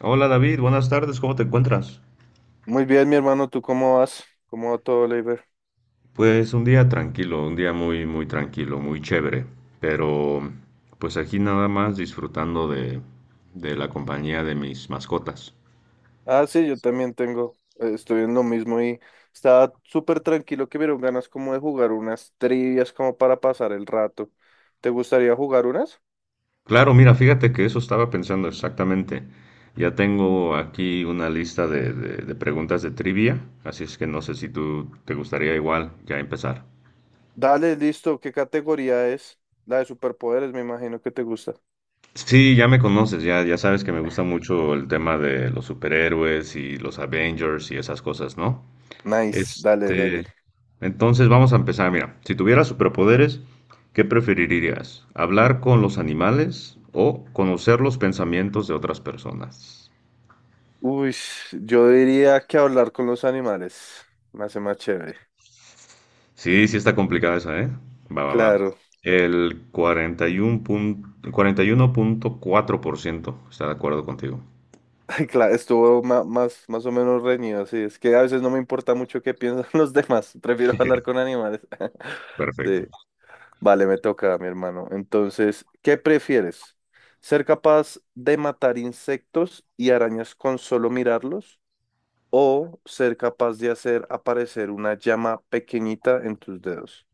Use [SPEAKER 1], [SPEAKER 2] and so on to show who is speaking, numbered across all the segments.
[SPEAKER 1] Hola David, buenas tardes, ¿cómo te encuentras?
[SPEAKER 2] Muy bien, mi hermano, ¿tú cómo vas? ¿Cómo va todo, Leiber?
[SPEAKER 1] Pues un día tranquilo, un día muy, muy tranquilo, muy chévere, pero pues aquí nada más disfrutando de la compañía de mis mascotas.
[SPEAKER 2] Ah, sí, yo también tengo, estoy en lo mismo y estaba súper tranquilo que vieron ganas como de jugar unas trivias como para pasar el rato. ¿Te gustaría jugar unas?
[SPEAKER 1] Claro, mira, fíjate que eso estaba pensando exactamente. Ya tengo aquí una lista de, de preguntas de trivia, así es que no sé si tú te gustaría igual ya empezar.
[SPEAKER 2] Dale, listo, ¿qué categoría es? La de superpoderes, me imagino que te gusta.
[SPEAKER 1] Sí, ya me conoces, ya, ya sabes que me gusta mucho el tema de los superhéroes y los Avengers y esas cosas, ¿no?
[SPEAKER 2] Nice, dale,
[SPEAKER 1] Este,
[SPEAKER 2] dale.
[SPEAKER 1] entonces vamos a empezar. Mira, si tuvieras superpoderes, ¿qué preferirías? ¿Hablar con los animales o conocer los pensamientos de otras personas?
[SPEAKER 2] Uy, yo diría que hablar con los animales me hace más chévere.
[SPEAKER 1] Sí, sí está complicada esa, ¿eh? Va, va, va.
[SPEAKER 2] Claro.
[SPEAKER 1] El 41 pun- 41.4% está de acuerdo contigo.
[SPEAKER 2] Ay, claro, estuvo más o menos reñido, sí. Es que a veces no me importa mucho qué piensan los demás. Prefiero hablar con animales. Sí,
[SPEAKER 1] Perfecto.
[SPEAKER 2] vale, me toca, mi hermano. Entonces, ¿qué prefieres? ¿Ser capaz de matar insectos y arañas con solo mirarlos? ¿O ser capaz de hacer aparecer una llama pequeñita en tus dedos?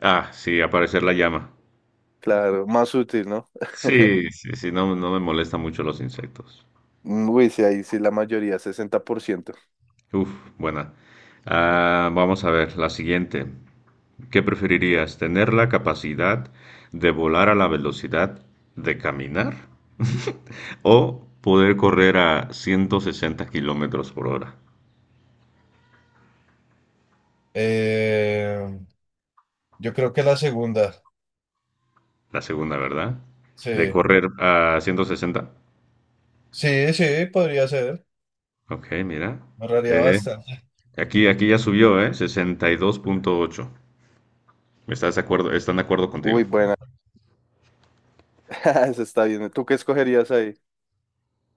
[SPEAKER 1] Ah, sí, aparecer la llama.
[SPEAKER 2] Claro, más útil, ¿no?
[SPEAKER 1] Sí, sí, sí, no, no me molesta mucho los insectos.
[SPEAKER 2] Uy, sí, ahí sí la mayoría, 60%.
[SPEAKER 1] Uf, buena.
[SPEAKER 2] Claro.
[SPEAKER 1] Ah, vamos a ver, la siguiente. ¿Qué preferirías? ¿Tener la capacidad de volar a la velocidad de caminar o poder correr a 160 kilómetros por hora?
[SPEAKER 2] Eh, yo creo que la segunda.
[SPEAKER 1] La segunda, ¿verdad? De
[SPEAKER 2] Sí,
[SPEAKER 1] correr a 160.
[SPEAKER 2] sí, sí, podría ser.
[SPEAKER 1] Ok, mira.
[SPEAKER 2] Me ahorraría
[SPEAKER 1] Eh,
[SPEAKER 2] bastante.
[SPEAKER 1] aquí ya subió, ¿eh? 62.8. ¿Estás de acuerdo? ¿Están de acuerdo contigo?
[SPEAKER 2] Uy, buena. Eso está bien. ¿Tú qué escogerías ahí?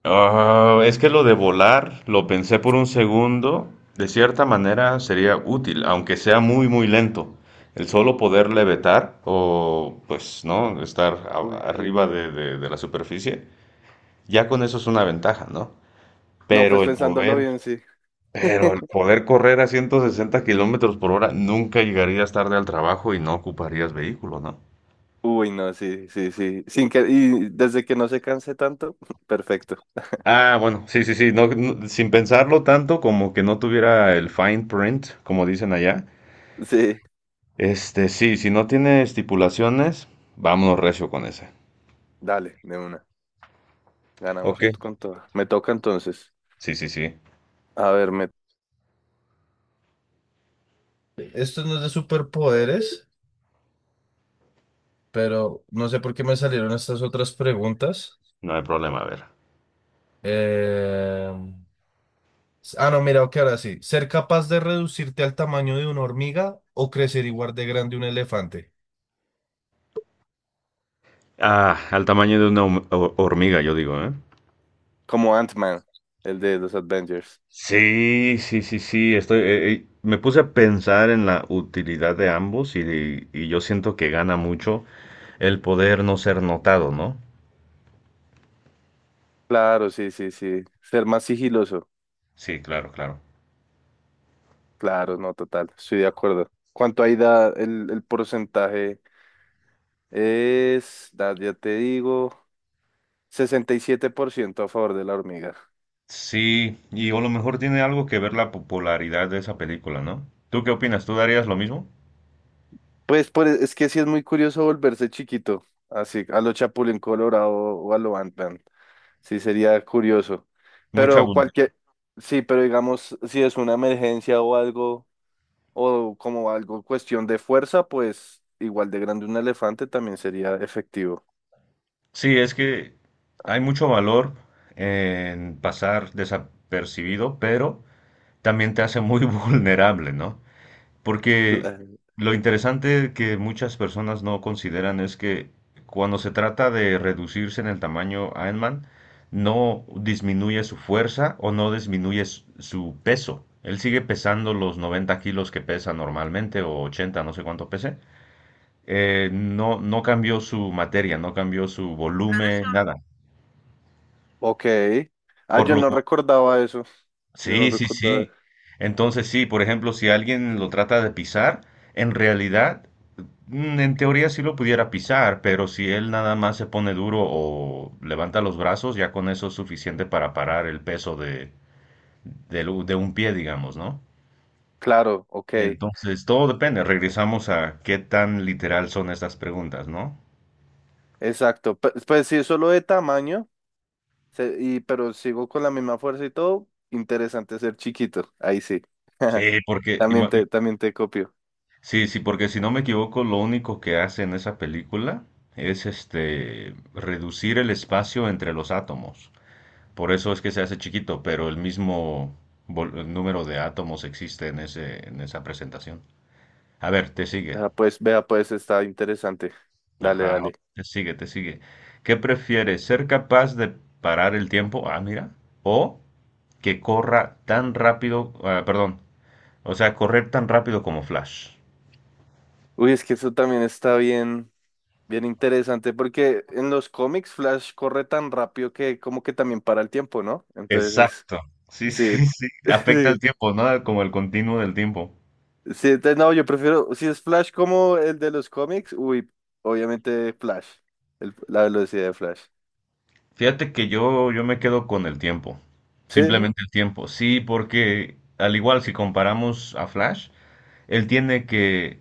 [SPEAKER 1] Ah, es que lo de volar, lo pensé por un segundo, de cierta manera sería útil, aunque sea muy, muy lento. El solo poder levitar o, pues, ¿no?
[SPEAKER 2] Uy, sí.
[SPEAKER 1] Arriba de, de la superficie, ya con eso es una ventaja, ¿no?
[SPEAKER 2] No, pues
[SPEAKER 1] Pero el
[SPEAKER 2] pensándolo
[SPEAKER 1] poder,
[SPEAKER 2] bien, sí.
[SPEAKER 1] pero el poder correr a 160 kilómetros por hora, nunca llegarías tarde al trabajo y no ocuparías vehículo, ¿no?
[SPEAKER 2] Uy, no, sí, sí, sí. Sin que, y desde que no se canse tanto, perfecto.
[SPEAKER 1] Ah, bueno, sí, sí, sí, no, no, sin pensarlo tanto como que no tuviera el fine print, como dicen allá.
[SPEAKER 2] Sí,
[SPEAKER 1] Sí, si no tiene estipulaciones, vámonos recio con ese.
[SPEAKER 2] dale, de una. Ganamos
[SPEAKER 1] Ok,
[SPEAKER 2] con todo. Me toca entonces.
[SPEAKER 1] sí, sí, sí.
[SPEAKER 2] A ver, me... Esto no es de superpoderes, pero no sé por qué me salieron estas otras preguntas.
[SPEAKER 1] No hay problema, a ver.
[SPEAKER 2] Eh, Ah, no, mira, ok, ahora sí. Ser capaz de reducirte al tamaño de una hormiga o crecer igual de grande un elefante.
[SPEAKER 1] Al tamaño de una hormiga, yo digo, ¿eh?
[SPEAKER 2] Como Ant-Man, el de los Avengers.
[SPEAKER 1] Sí, sí, sí, sí. Estoy, me puse a pensar en la utilidad de ambos y yo siento que gana mucho el poder no ser notado, ¿no?
[SPEAKER 2] Claro, sí, sí, sí. Ser más sigiloso.
[SPEAKER 1] Sí, claro, claro.
[SPEAKER 2] Claro, no, total. Estoy de acuerdo. ¿Cuánto ahí da el porcentaje? Es, ya te digo, 67% a favor de la hormiga.
[SPEAKER 1] Sí, y a lo mejor tiene algo que ver la popularidad de esa película, ¿no? ¿Tú qué opinas? ¿Tú darías lo mismo?
[SPEAKER 2] Pues, es que sí es muy curioso volverse chiquito, así, a lo Chapulín Colorado o a lo Ant-Man. Sí, sería curioso.
[SPEAKER 1] Mucha
[SPEAKER 2] Pero
[SPEAKER 1] abundancia.
[SPEAKER 2] cualquier, sí, pero digamos, si es una emergencia o algo, o como algo cuestión de fuerza, pues igual de grande un elefante también sería efectivo.
[SPEAKER 1] Sí, es que hay mucho valor en pasar desapercibido, pero también te hace muy vulnerable, ¿no? Porque
[SPEAKER 2] La-
[SPEAKER 1] lo interesante que muchas personas no consideran es que cuando se trata de reducirse en el tamaño, Iron Man no disminuye su fuerza o no disminuye su peso. Él sigue pesando los 90 kilos que pesa normalmente o 80, no sé cuánto pese. No, no cambió su materia, no cambió su volumen,
[SPEAKER 2] Claro,
[SPEAKER 1] nada.
[SPEAKER 2] ok. Ah,
[SPEAKER 1] Por
[SPEAKER 2] yo
[SPEAKER 1] lo
[SPEAKER 2] no
[SPEAKER 1] cual,
[SPEAKER 2] recordaba eso. Yo no
[SPEAKER 1] sí, sí, sí.
[SPEAKER 2] recordaba.
[SPEAKER 1] Entonces sí, por ejemplo, si alguien lo trata de pisar, en realidad, en teoría sí lo pudiera pisar, pero si él nada más se pone duro o levanta los brazos, ya con eso es suficiente para parar el peso de, del de un pie, digamos, ¿no?
[SPEAKER 2] Claro, ok.
[SPEAKER 1] Entonces, todo depende. Regresamos a qué tan literal son estas preguntas, ¿no?
[SPEAKER 2] Exacto. Pues, si es solo de tamaño, y, pero sigo con la misma fuerza y todo, interesante ser chiquito. Ahí sí.
[SPEAKER 1] Sí, porque
[SPEAKER 2] También
[SPEAKER 1] ima-
[SPEAKER 2] te, también te copio.
[SPEAKER 1] Sí, sí, porque si no me equivoco, lo único que hace en esa película es reducir el espacio entre los átomos. Por eso es que se hace chiquito, pero el mismo el número de átomos existe en ese, en esa presentación. A ver, te sigue.
[SPEAKER 2] Ah, pues vea, pues está interesante. Dale,
[SPEAKER 1] Ajá,
[SPEAKER 2] dale.
[SPEAKER 1] te sigue, te sigue. ¿Qué prefieres? ¿Ser capaz de parar el tiempo? Ah, mira. O que corra tan rápido, ah, perdón, o sea, correr tan rápido como Flash.
[SPEAKER 2] Uy, es que eso también está bien, bien interesante porque en los cómics Flash corre tan rápido que como que también para el tiempo, ¿no? Entonces,
[SPEAKER 1] Exacto. Sí, sí,
[SPEAKER 2] sí.
[SPEAKER 1] sí. Afecta el
[SPEAKER 2] Sí,
[SPEAKER 1] tiempo, ¿no? Como el continuo del tiempo.
[SPEAKER 2] sí, entonces, no, yo prefiero, si es Flash como el de los cómics, uy, obviamente Flash, la velocidad de Flash.
[SPEAKER 1] Fíjate que yo me quedo con el tiempo.
[SPEAKER 2] Sí,
[SPEAKER 1] Simplemente el tiempo. Sí, porque al igual si comparamos a Flash, él tiene que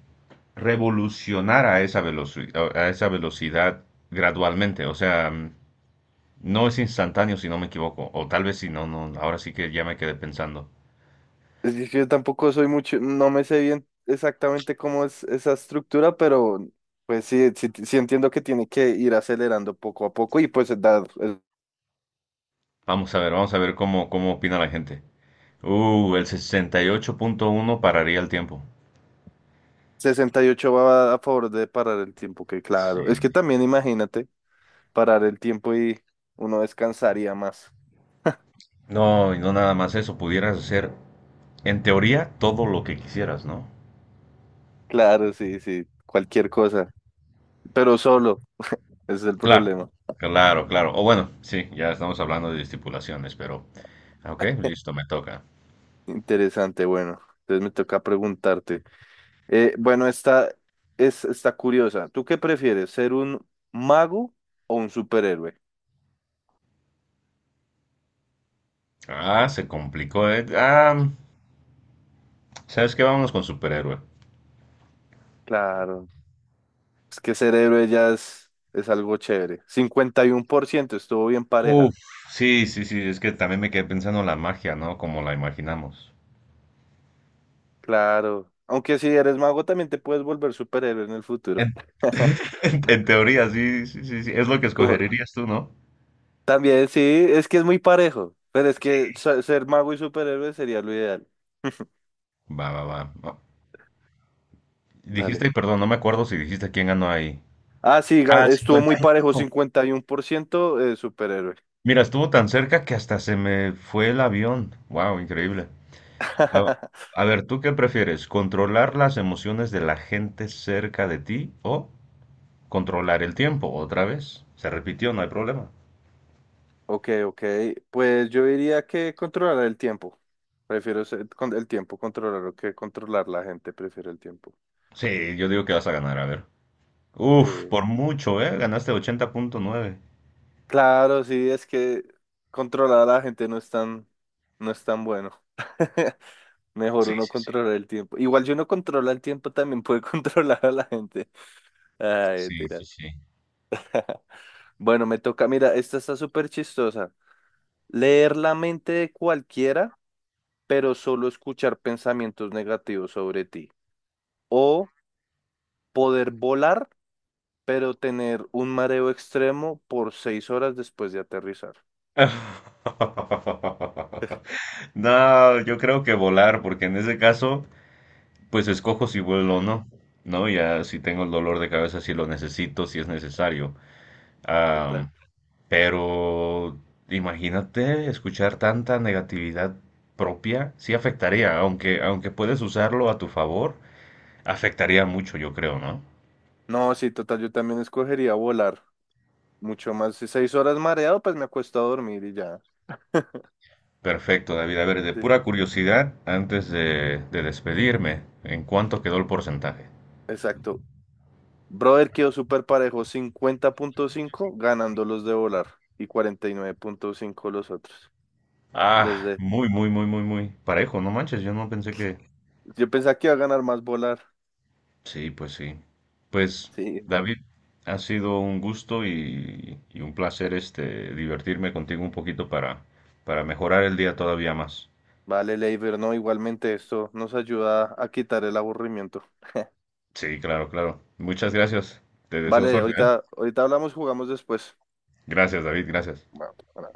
[SPEAKER 1] revolucionar a esa velocidad gradualmente. O sea, no es instantáneo si no me equivoco. O tal vez si no, no. Ahora sí que ya me quedé pensando.
[SPEAKER 2] es que yo tampoco soy mucho, no me sé bien exactamente cómo es esa estructura, pero pues sí, sí, sí entiendo que tiene que ir acelerando poco a poco y pues dar el
[SPEAKER 1] Vamos a ver cómo, cómo opina la gente. El 68.1 pararía el tiempo.
[SPEAKER 2] 68 va a favor de parar el tiempo, que claro. Es que también imagínate parar el tiempo y uno descansaría más.
[SPEAKER 1] No, y no nada más eso, pudieras hacer en teoría todo lo que quisieras, ¿no?
[SPEAKER 2] Claro, sí, sí, cualquier cosa, pero solo, ese es el
[SPEAKER 1] Claro,
[SPEAKER 2] problema.
[SPEAKER 1] claro, claro. O bueno, sí, ya estamos hablando de estipulaciones, pero ah, ok, listo, me toca.
[SPEAKER 2] Interesante, bueno, entonces me toca preguntarte. Bueno, esta es, está curiosa. ¿Tú qué prefieres, ser un mago o un superhéroe?
[SPEAKER 1] Ah, se complicó, eh. Ah, ¿sabes qué? Vámonos con superhéroe.
[SPEAKER 2] Claro, es que ser héroe ya es algo chévere. 51% estuvo bien
[SPEAKER 1] Uf,
[SPEAKER 2] pareja.
[SPEAKER 1] sí, sí, sí, es que también me quedé pensando en la magia, ¿no? Como la imaginamos.
[SPEAKER 2] Claro. Aunque si eres mago también te puedes volver superhéroe en el futuro.
[SPEAKER 1] En, en teoría, sí, sí, sí, sí, es lo que
[SPEAKER 2] Como-
[SPEAKER 1] escogerías tú, ¿no?
[SPEAKER 2] también sí, es que es muy parejo. Pero es que ser mago y superhéroe sería lo ideal.
[SPEAKER 1] Va, va, va. Va.
[SPEAKER 2] Dale.
[SPEAKER 1] Dijiste, perdón, no me acuerdo si dijiste quién ganó ahí.
[SPEAKER 2] Ah, sí,
[SPEAKER 1] Ah, el
[SPEAKER 2] estuvo muy parejo,
[SPEAKER 1] 51.
[SPEAKER 2] 51% superhéroe.
[SPEAKER 1] Mira, estuvo tan cerca que hasta se me fue el avión. Wow, increíble. A, a ver, ¿tú qué prefieres? ¿Controlar las emociones de la gente cerca de ti o controlar el tiempo? Otra vez. Se repitió, no hay problema.
[SPEAKER 2] Ok, ok. Pues yo diría que controlar el tiempo. Prefiero el tiempo controlarlo que controlar la gente. Prefiero el tiempo.
[SPEAKER 1] Sí, yo digo que vas a ganar, a ver. Uf,
[SPEAKER 2] Sí.
[SPEAKER 1] por mucho, ¿eh? Ganaste 80.9.
[SPEAKER 2] Claro, sí, es que controlar a la gente no es tan bueno. Mejor
[SPEAKER 1] Sí,
[SPEAKER 2] uno
[SPEAKER 1] sí, sí.
[SPEAKER 2] controlar el tiempo. Igual si uno controla el tiempo también puede controlar a la gente. Ay,
[SPEAKER 1] Sí,
[SPEAKER 2] tira.
[SPEAKER 1] sí, sí.
[SPEAKER 2] Bueno, me toca, mira, esta está súper chistosa. Leer la mente de cualquiera, pero solo escuchar pensamientos negativos sobre ti. O poder volar, pero tener un mareo extremo por 6 horas después de aterrizar.
[SPEAKER 1] No, yo creo que volar, porque en ese caso pues escojo si vuelo o no, ¿no? Ya si tengo el dolor de cabeza, si lo necesito, si es necesario.
[SPEAKER 2] Total.
[SPEAKER 1] Am, pero imagínate escuchar tanta negatividad propia, sí afectaría, aunque, aunque puedes usarlo a tu favor, afectaría mucho, yo creo, ¿no?
[SPEAKER 2] No, sí, total, yo también escogería volar. Mucho más. Si 6 horas mareado, pues me acuesto a dormir y ya.
[SPEAKER 1] Perfecto, David. A ver, de
[SPEAKER 2] Sí,
[SPEAKER 1] pura curiosidad, antes de despedirme, ¿en cuánto quedó el porcentaje?
[SPEAKER 2] exacto. Brother quedó súper parejo, 50,5 ganando los de volar y 49,5 los otros. Los
[SPEAKER 1] Ah,
[SPEAKER 2] de...
[SPEAKER 1] muy, muy, muy, muy, muy parejo, no manches, yo no pensé que,
[SPEAKER 2] Yo pensaba que iba a ganar más volar.
[SPEAKER 1] sí, pues sí. Pues,
[SPEAKER 2] Sí.
[SPEAKER 1] David, ha sido un gusto y un placer divertirme contigo un poquito para mejorar el día todavía más.
[SPEAKER 2] Vale, Leiber, no, igualmente esto nos ayuda a quitar el aburrimiento.
[SPEAKER 1] Sí, claro, claro. Muchas gracias. Te deseo
[SPEAKER 2] Vale,
[SPEAKER 1] suerte, ¿eh?
[SPEAKER 2] ahorita, ahorita hablamos, jugamos después.
[SPEAKER 1] Gracias, David, gracias.
[SPEAKER 2] Bueno,